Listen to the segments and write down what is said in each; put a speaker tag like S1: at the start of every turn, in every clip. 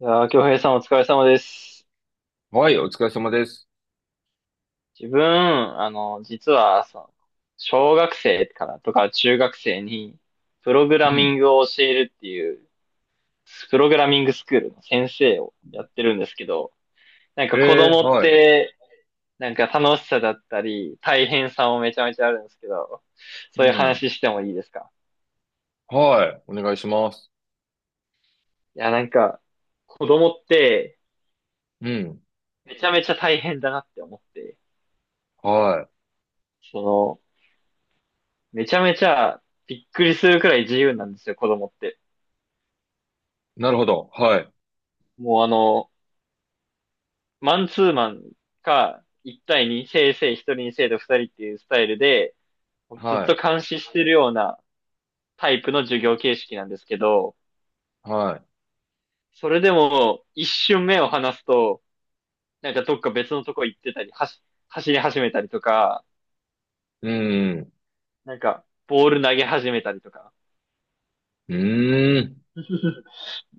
S1: いやー、京平さんお疲れ様です。
S2: はい、お疲れ様です。
S1: 自分、実は、小学生からとか中学生に、プログラ
S2: う
S1: ミ
S2: ん。
S1: ングを教えるっていう、プログラミングスクールの先生をやってるんですけど、なんか子供っ
S2: はい。
S1: て、なんか楽しさだったり、大変さもめちゃめちゃあるんですけど、
S2: う
S1: そういう
S2: ん。
S1: 話してもいいですか？
S2: はい。お願いします。
S1: いや、なんか、子供って、
S2: うん。
S1: めちゃめちゃ大変だなって思って、
S2: は
S1: その、めちゃめちゃびっくりするくらい自由なんですよ、子供って。
S2: い。なるほど。はい。
S1: もうマンツーマンか、一対にせいせい1人に生徒二人っていうスタイルで、ずっ
S2: は
S1: と監視してるようなタイプの授業形式なんですけど、
S2: い。は
S1: それでも一瞬目を離すと、なんかどっか別のとこ行ってたり、走り始めたりとか、
S2: い。うん。
S1: なんかボール投げ始めたりとか。
S2: うーん。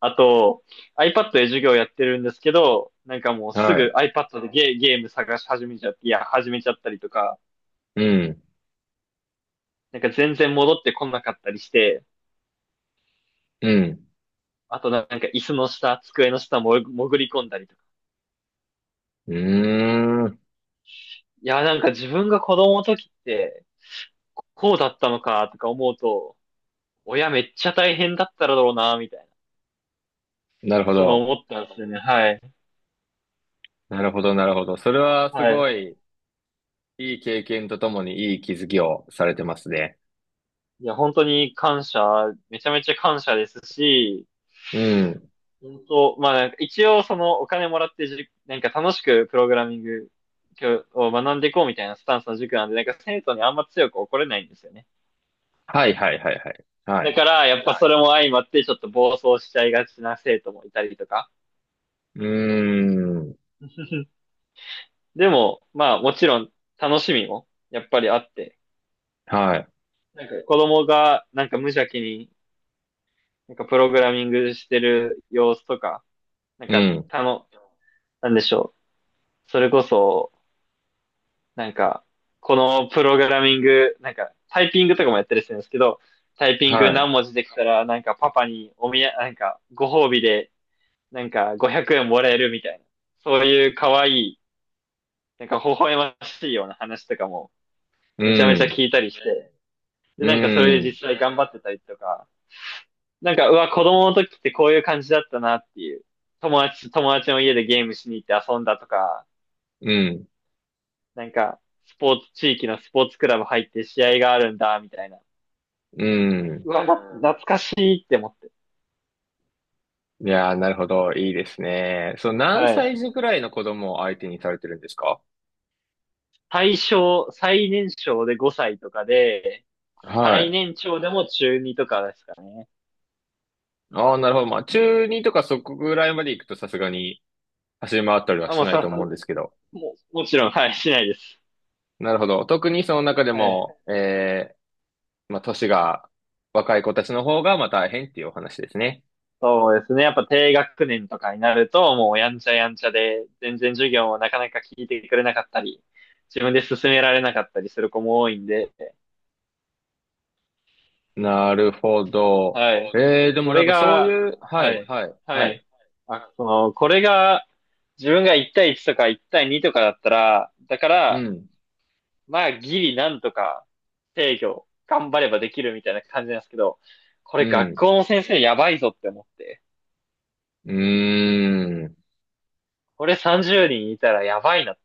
S1: あと、iPad で授業やってるんですけど、なんかもうす
S2: は
S1: ぐ
S2: い。
S1: iPad でゲーム探し始めちゃって、いや、始めちゃったりとか、
S2: うん。
S1: なんか全然戻ってこなかったりして、
S2: うん。
S1: あとなんか椅子の下、机の下も潜り込んだりとか。
S2: うーん。
S1: いや、なんか自分が子供の時って、こうだったのかとか思うと、親めっちゃ大変だっただろうな、みたいな。
S2: なるほ
S1: そういうの
S2: ど。
S1: 思ったんですよね。はい。
S2: なるほど、なるほど。それはす
S1: はい。
S2: ごい、いい経験とともにいい気づきをされてますね。
S1: いや、本当に感謝、めちゃめちゃ感謝ですし、
S2: うん。
S1: 本当、まあなんか一応そのお金もらってなんか楽しくプログラミングを学んでいこうみたいなスタンスの塾なんで、なんか生徒にあんま強く怒れないんですよね。
S2: はい、はい、はい、はい。は
S1: だ
S2: い。
S1: から、やっぱそれも相まって、ちょっと暴走しちゃいがちな生徒もいたりとか。
S2: うーん。
S1: でも、まあ、もちろん、楽しみも、やっぱりあって、
S2: はい。
S1: なんか子供が、なんか無邪気に、なんかプログラミングしてる様子とか、なん
S2: う
S1: か、
S2: ん。
S1: なんでしょう。それこそ、なんか、このプログラミング、なんか、タイピングとかもやったりするんですけど、タイピン
S2: は
S1: グ
S2: い。
S1: 何文字できたら、なんかパパにおみや、なんかご褒美で、なんか500円もらえるみたいな、そういう可愛いなんか微笑ましいような話とかも
S2: う
S1: めちゃめちゃ
S2: ん。
S1: 聞いたりして、で、
S2: う
S1: なんかそれで
S2: ん。
S1: 実際頑張ってたりとか、なんか、うわ、子供の時ってこういう感じだったなっていう、友達の家でゲームしに行って遊んだとか、
S2: うん。
S1: なんか、スポーツ、地域のスポーツクラブ入って試合があるんだ、みたいな。
S2: うん。
S1: うわ、懐かしいって思って。
S2: いやー、なるほど。いいですね。そう、何
S1: はい。
S2: 歳児くらいの子供を相手にされてるんですか？
S1: 最年少で5歳とかで、
S2: は
S1: 最
S2: い。
S1: 年長でも中二とかですかね。
S2: ああ、なるほど。まあ、中二とかそこぐらいまで行くとさすがに走り回ったりは
S1: あ、
S2: しないと思うんですけど。
S1: もうもちろん、はい、しないです。
S2: なるほど。特にその中で
S1: はい。
S2: も、まあ、年が若い子たちの方がまあ大変っていうお話ですね。
S1: そうですね。やっぱ低学年とかになると、もうやんちゃやんちゃで、全然授業をなかなか聞いてくれなかったり、自分で進められなかったりする子も多いんで、
S2: なるほど。
S1: はい。
S2: でも
S1: こ
S2: なん
S1: れ
S2: かそう
S1: が、
S2: いう、は
S1: は
S2: い、
S1: い、
S2: はい、は
S1: は
S2: い。
S1: い。あ、これが、自分が1対1とか1対2とかだったら、だか
S2: う
S1: ら、
S2: ん、
S1: まあ、ギリなんとか制御、頑張ればできるみたいな感じなんですけど、こ
S2: う
S1: れ学
S2: ん、
S1: 校の先生やばいぞって思って。
S2: うーん。
S1: これ30人いたらやばいなって。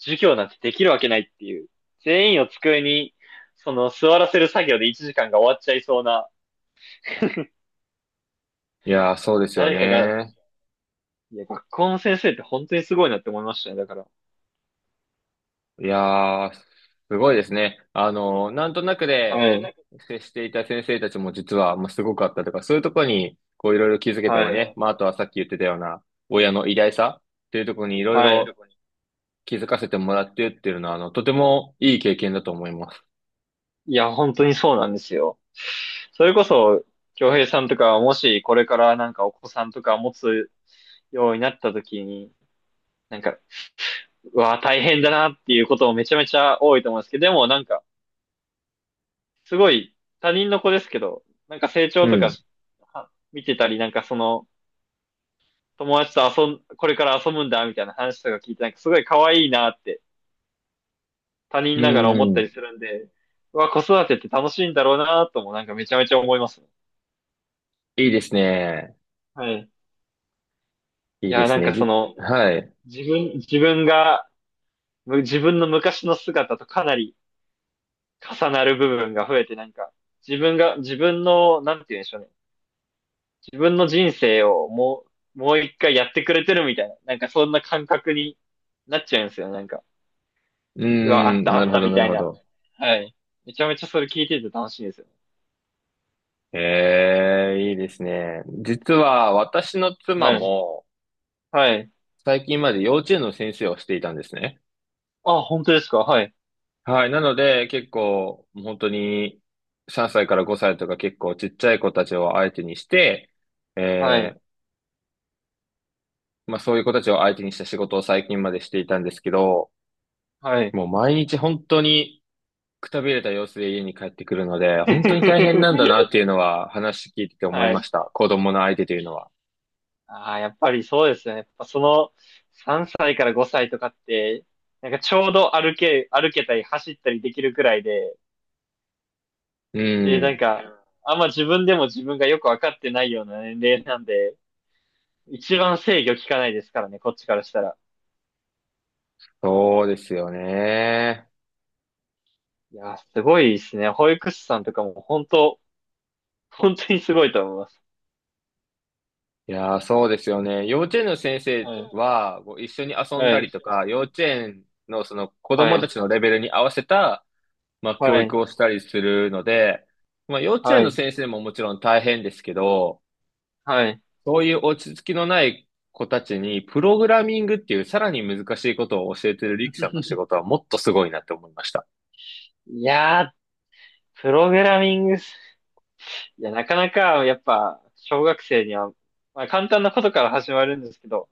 S1: 授業なんてできるわけないっていう。全員を机に、座らせる作業で1時間が終わっちゃいそうな、
S2: いやー、そうですよ
S1: 誰かが、
S2: ね。
S1: いや、学校の先生って本当にすごいなって思いましたね、だから。
S2: いやー、すごいですね。なんとなくで
S1: はい。
S2: 接していた先生たちも実は、まあ、すごかったとか、そういうところに、こういろいろ気づけたり
S1: は
S2: ね。
S1: い。
S2: まあ、あとはさっき言ってたような、親の偉大さっていうところにいろい
S1: はい。
S2: ろ気づかせてもらってっていうのは、とてもいい経験だと思います。
S1: いや、本当にそうなんですよ。それこそ、京平さんとか、もしこれからなんかお子さんとか持つようになった時に、なんか、うわ、大変だなっていうこともめちゃめちゃ多いと思うんですけど、でもなんか、すごい他人の子ですけど、なんか成
S2: う
S1: 長とか
S2: ん。
S1: しは見てたり、なんかその友達とこれから遊ぶんだみたいな話とか聞いて、なんかすごい可愛いなって他人
S2: う
S1: ながら思ったり
S2: ん。
S1: するんで、うわ、子育てって楽しいんだろうなともなんかめちゃめちゃ思いますね。
S2: いいですね。
S1: はい。い
S2: いいで
S1: や、な
S2: す
S1: ん
S2: ね。
S1: かその、
S2: はい。
S1: 自分、自分が、自分の昔の姿とかなり重なる部分が増えて、なんか、自分の、なんて言うんでしょうね。自分の人生をもう一回やってくれてるみたいな、なんかそんな感覚になっちゃうんですよ、なんか。
S2: う
S1: うわ、あっ
S2: ん。
S1: た、
S2: な
S1: あ
S2: る
S1: っ
S2: ほ
S1: た
S2: ど、
S1: み
S2: なる
S1: たい
S2: ほ
S1: な。
S2: ど。
S1: はい。めちゃめちゃそれ聞いてて楽しいですよ。
S2: ええ、いいですね。実は私の妻
S1: はい。
S2: も、
S1: はい。
S2: 最近まで幼稚園の先生をしていたんですね。
S1: あ、本当ですか？はい。
S2: はい。なので、結構、本当に、3歳から5歳とか結構ちっちゃい子たちを相手にして、
S1: は
S2: え
S1: い。
S2: ー、まあそういう子たちを相手にした仕事を最近までしていたんですけど、
S1: はい。
S2: もう毎日本当にくたびれた様子で家に帰ってくるので、本当に大変なんだなっ ていうのは話聞いてて思い
S1: は
S2: まし
S1: い。
S2: た。子供の相手というのは。
S1: ああ、やっぱりそうですよね。やっぱその3歳から5歳とかって、なんかちょうど歩けたり走ったりできるくらいで、
S2: う
S1: で、なん
S2: ん。
S1: か、あんま自分でも自分がよくわかってないような年齢なんで、一番制御効かないですからね、こっちからしたら。
S2: そうですよね。
S1: いやー、すごいですね。保育士さんとかも本当にすごいと思います。
S2: いやー、そうですよね。幼稚園の先生
S1: はい。
S2: は、こう一緒に遊ん
S1: は
S2: だり
S1: い。
S2: とか、幼稚園のその子
S1: は
S2: 供
S1: い。
S2: たちのレベルに合わせた、まあ、教
S1: はい。
S2: 育をしたりするので、まあ、幼稚
S1: は
S2: 園の
S1: い。
S2: 先生ももちろん大変ですけど、
S1: はい。
S2: そういう落ち着きのない子たちに、プログラミングっていうさらに難しいことを教えてるリキさんの仕事はもっとすごいなって思いました。
S1: いやー、プログラミングす、いや、なかなか、やっぱ、小学生には、まあ、簡単なことから始まるんですけど、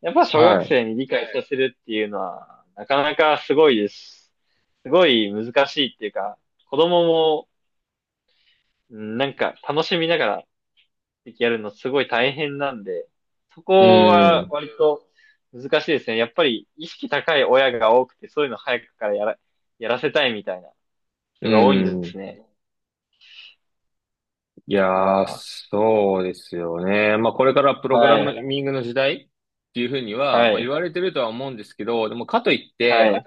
S1: やっぱ小学
S2: は
S1: 生に理解させるっていうのは、なかなかすごいです。すごい難しいっていうか、子供も、うんなんか楽しみながらやるのすごい大変なんで、そ
S2: い。う
S1: こは
S2: ん。
S1: 割と難しいですね。やっぱり意識高い親が多くて、そういうの早くからやらせたいみたいな
S2: う
S1: 人が多いんです
S2: ん。
S1: ね。
S2: い
S1: いや
S2: やー、
S1: ー、
S2: そうですよね。まあ、これからプログラ
S1: はい、
S2: ミングの時代っていうふうには、
S1: は
S2: まあ、
S1: い、
S2: 言われてるとは思うんですけど、でもかといっ
S1: は
S2: て、
S1: い、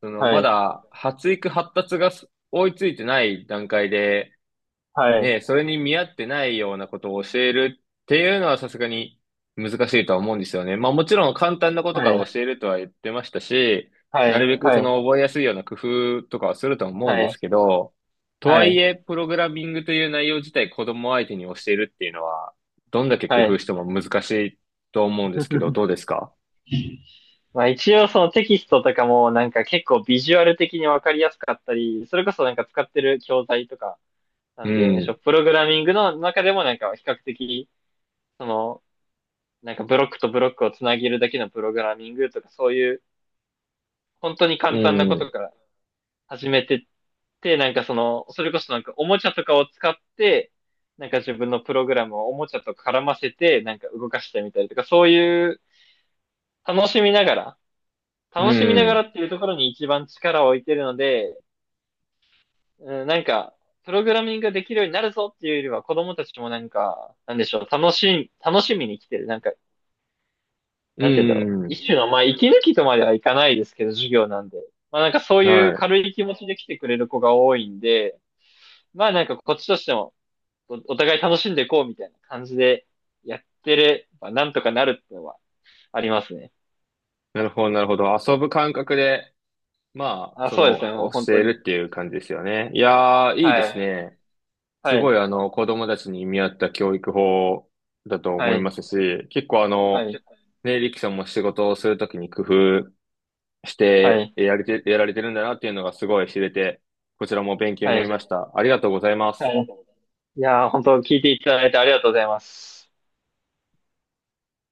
S2: その、
S1: は
S2: ま
S1: い、
S2: だ発育発達が追いついてない段階で、
S1: はい、はい、
S2: ねえ、それに見合ってないようなことを教えるっていうのはさすがに難しいとは思うんですよね。まあもちろん簡単なことか
S1: は
S2: ら
S1: い、
S2: 教えるとは言ってましたし、
S1: は
S2: な
S1: い、
S2: るべく
S1: は
S2: そ
S1: い、
S2: の覚えやすいような工夫とかはすると思うんですけど、と
S1: は
S2: はい
S1: い、
S2: え、プログラミングという内容自体子供相手に教えるっていうのは、どんだけ工
S1: は
S2: 夫
S1: い。
S2: しても難しいと思うんですけど、どうですか？
S1: まあ一応そのテキストとかもなんか結構ビジュアル的にわかりやすかったり、それこそなんか使ってる教材とか、な
S2: う
S1: んていうんでしょ
S2: ん、
S1: う、プログラミングの中でもなんか比較的、そのなんかブロックとブロックをつなげるだけのプログラミングとか、そういう本当に
S2: う
S1: 簡単なこ
S2: ん、
S1: とから始めてって、なんかそれこそなんかおもちゃとかを使って、なんか自分のプログラムをおもちゃと絡ませて、なんか動かしてみたりとか、そういう楽しみながら、
S2: う
S1: 楽しみながら
S2: ん、
S1: っていうところに一番力を置いてるので、うん、なんか、プログラミングができるようになるぞっていうよりは、子供たちもなんか、なんでしょう、楽しみに来てる。なんか、
S2: う
S1: なんて言うんだろう。
S2: ん、うん。
S1: 一種の、まあ、息抜きとまではいかないですけど、授業なんで。まあ、なんかそうい
S2: は
S1: う
S2: い。
S1: 軽い気持ちで来てくれる子が多いんで、まあ、なんかこっちとしても、お互い楽しんでいこうみたいな感じでやってれば、なんとかなるってのはありますね。
S2: なるほど、なるほど。遊ぶ感覚で、まあ、
S1: あ、
S2: そ
S1: そうですね、
S2: の、
S1: もう本
S2: 教
S1: 当
S2: え
S1: に。
S2: るっていう感じですよね。いやー、いいで
S1: は
S2: す
S1: い。
S2: ね。す
S1: は
S2: ご
S1: い。
S2: い、子供たちに見合った教育法だと思
S1: は
S2: いま
S1: い。
S2: すし、結構
S1: はい。
S2: ね、リキさんも仕事をするときに工夫し
S1: は
S2: て
S1: い。
S2: やれて、やられてるんだなっていうのがすごい知れて、こちらも勉強に
S1: は
S2: なり
S1: い。
S2: ました。ありがとうございます。
S1: はい。いやー、本当聞いていただいてありがとうございます。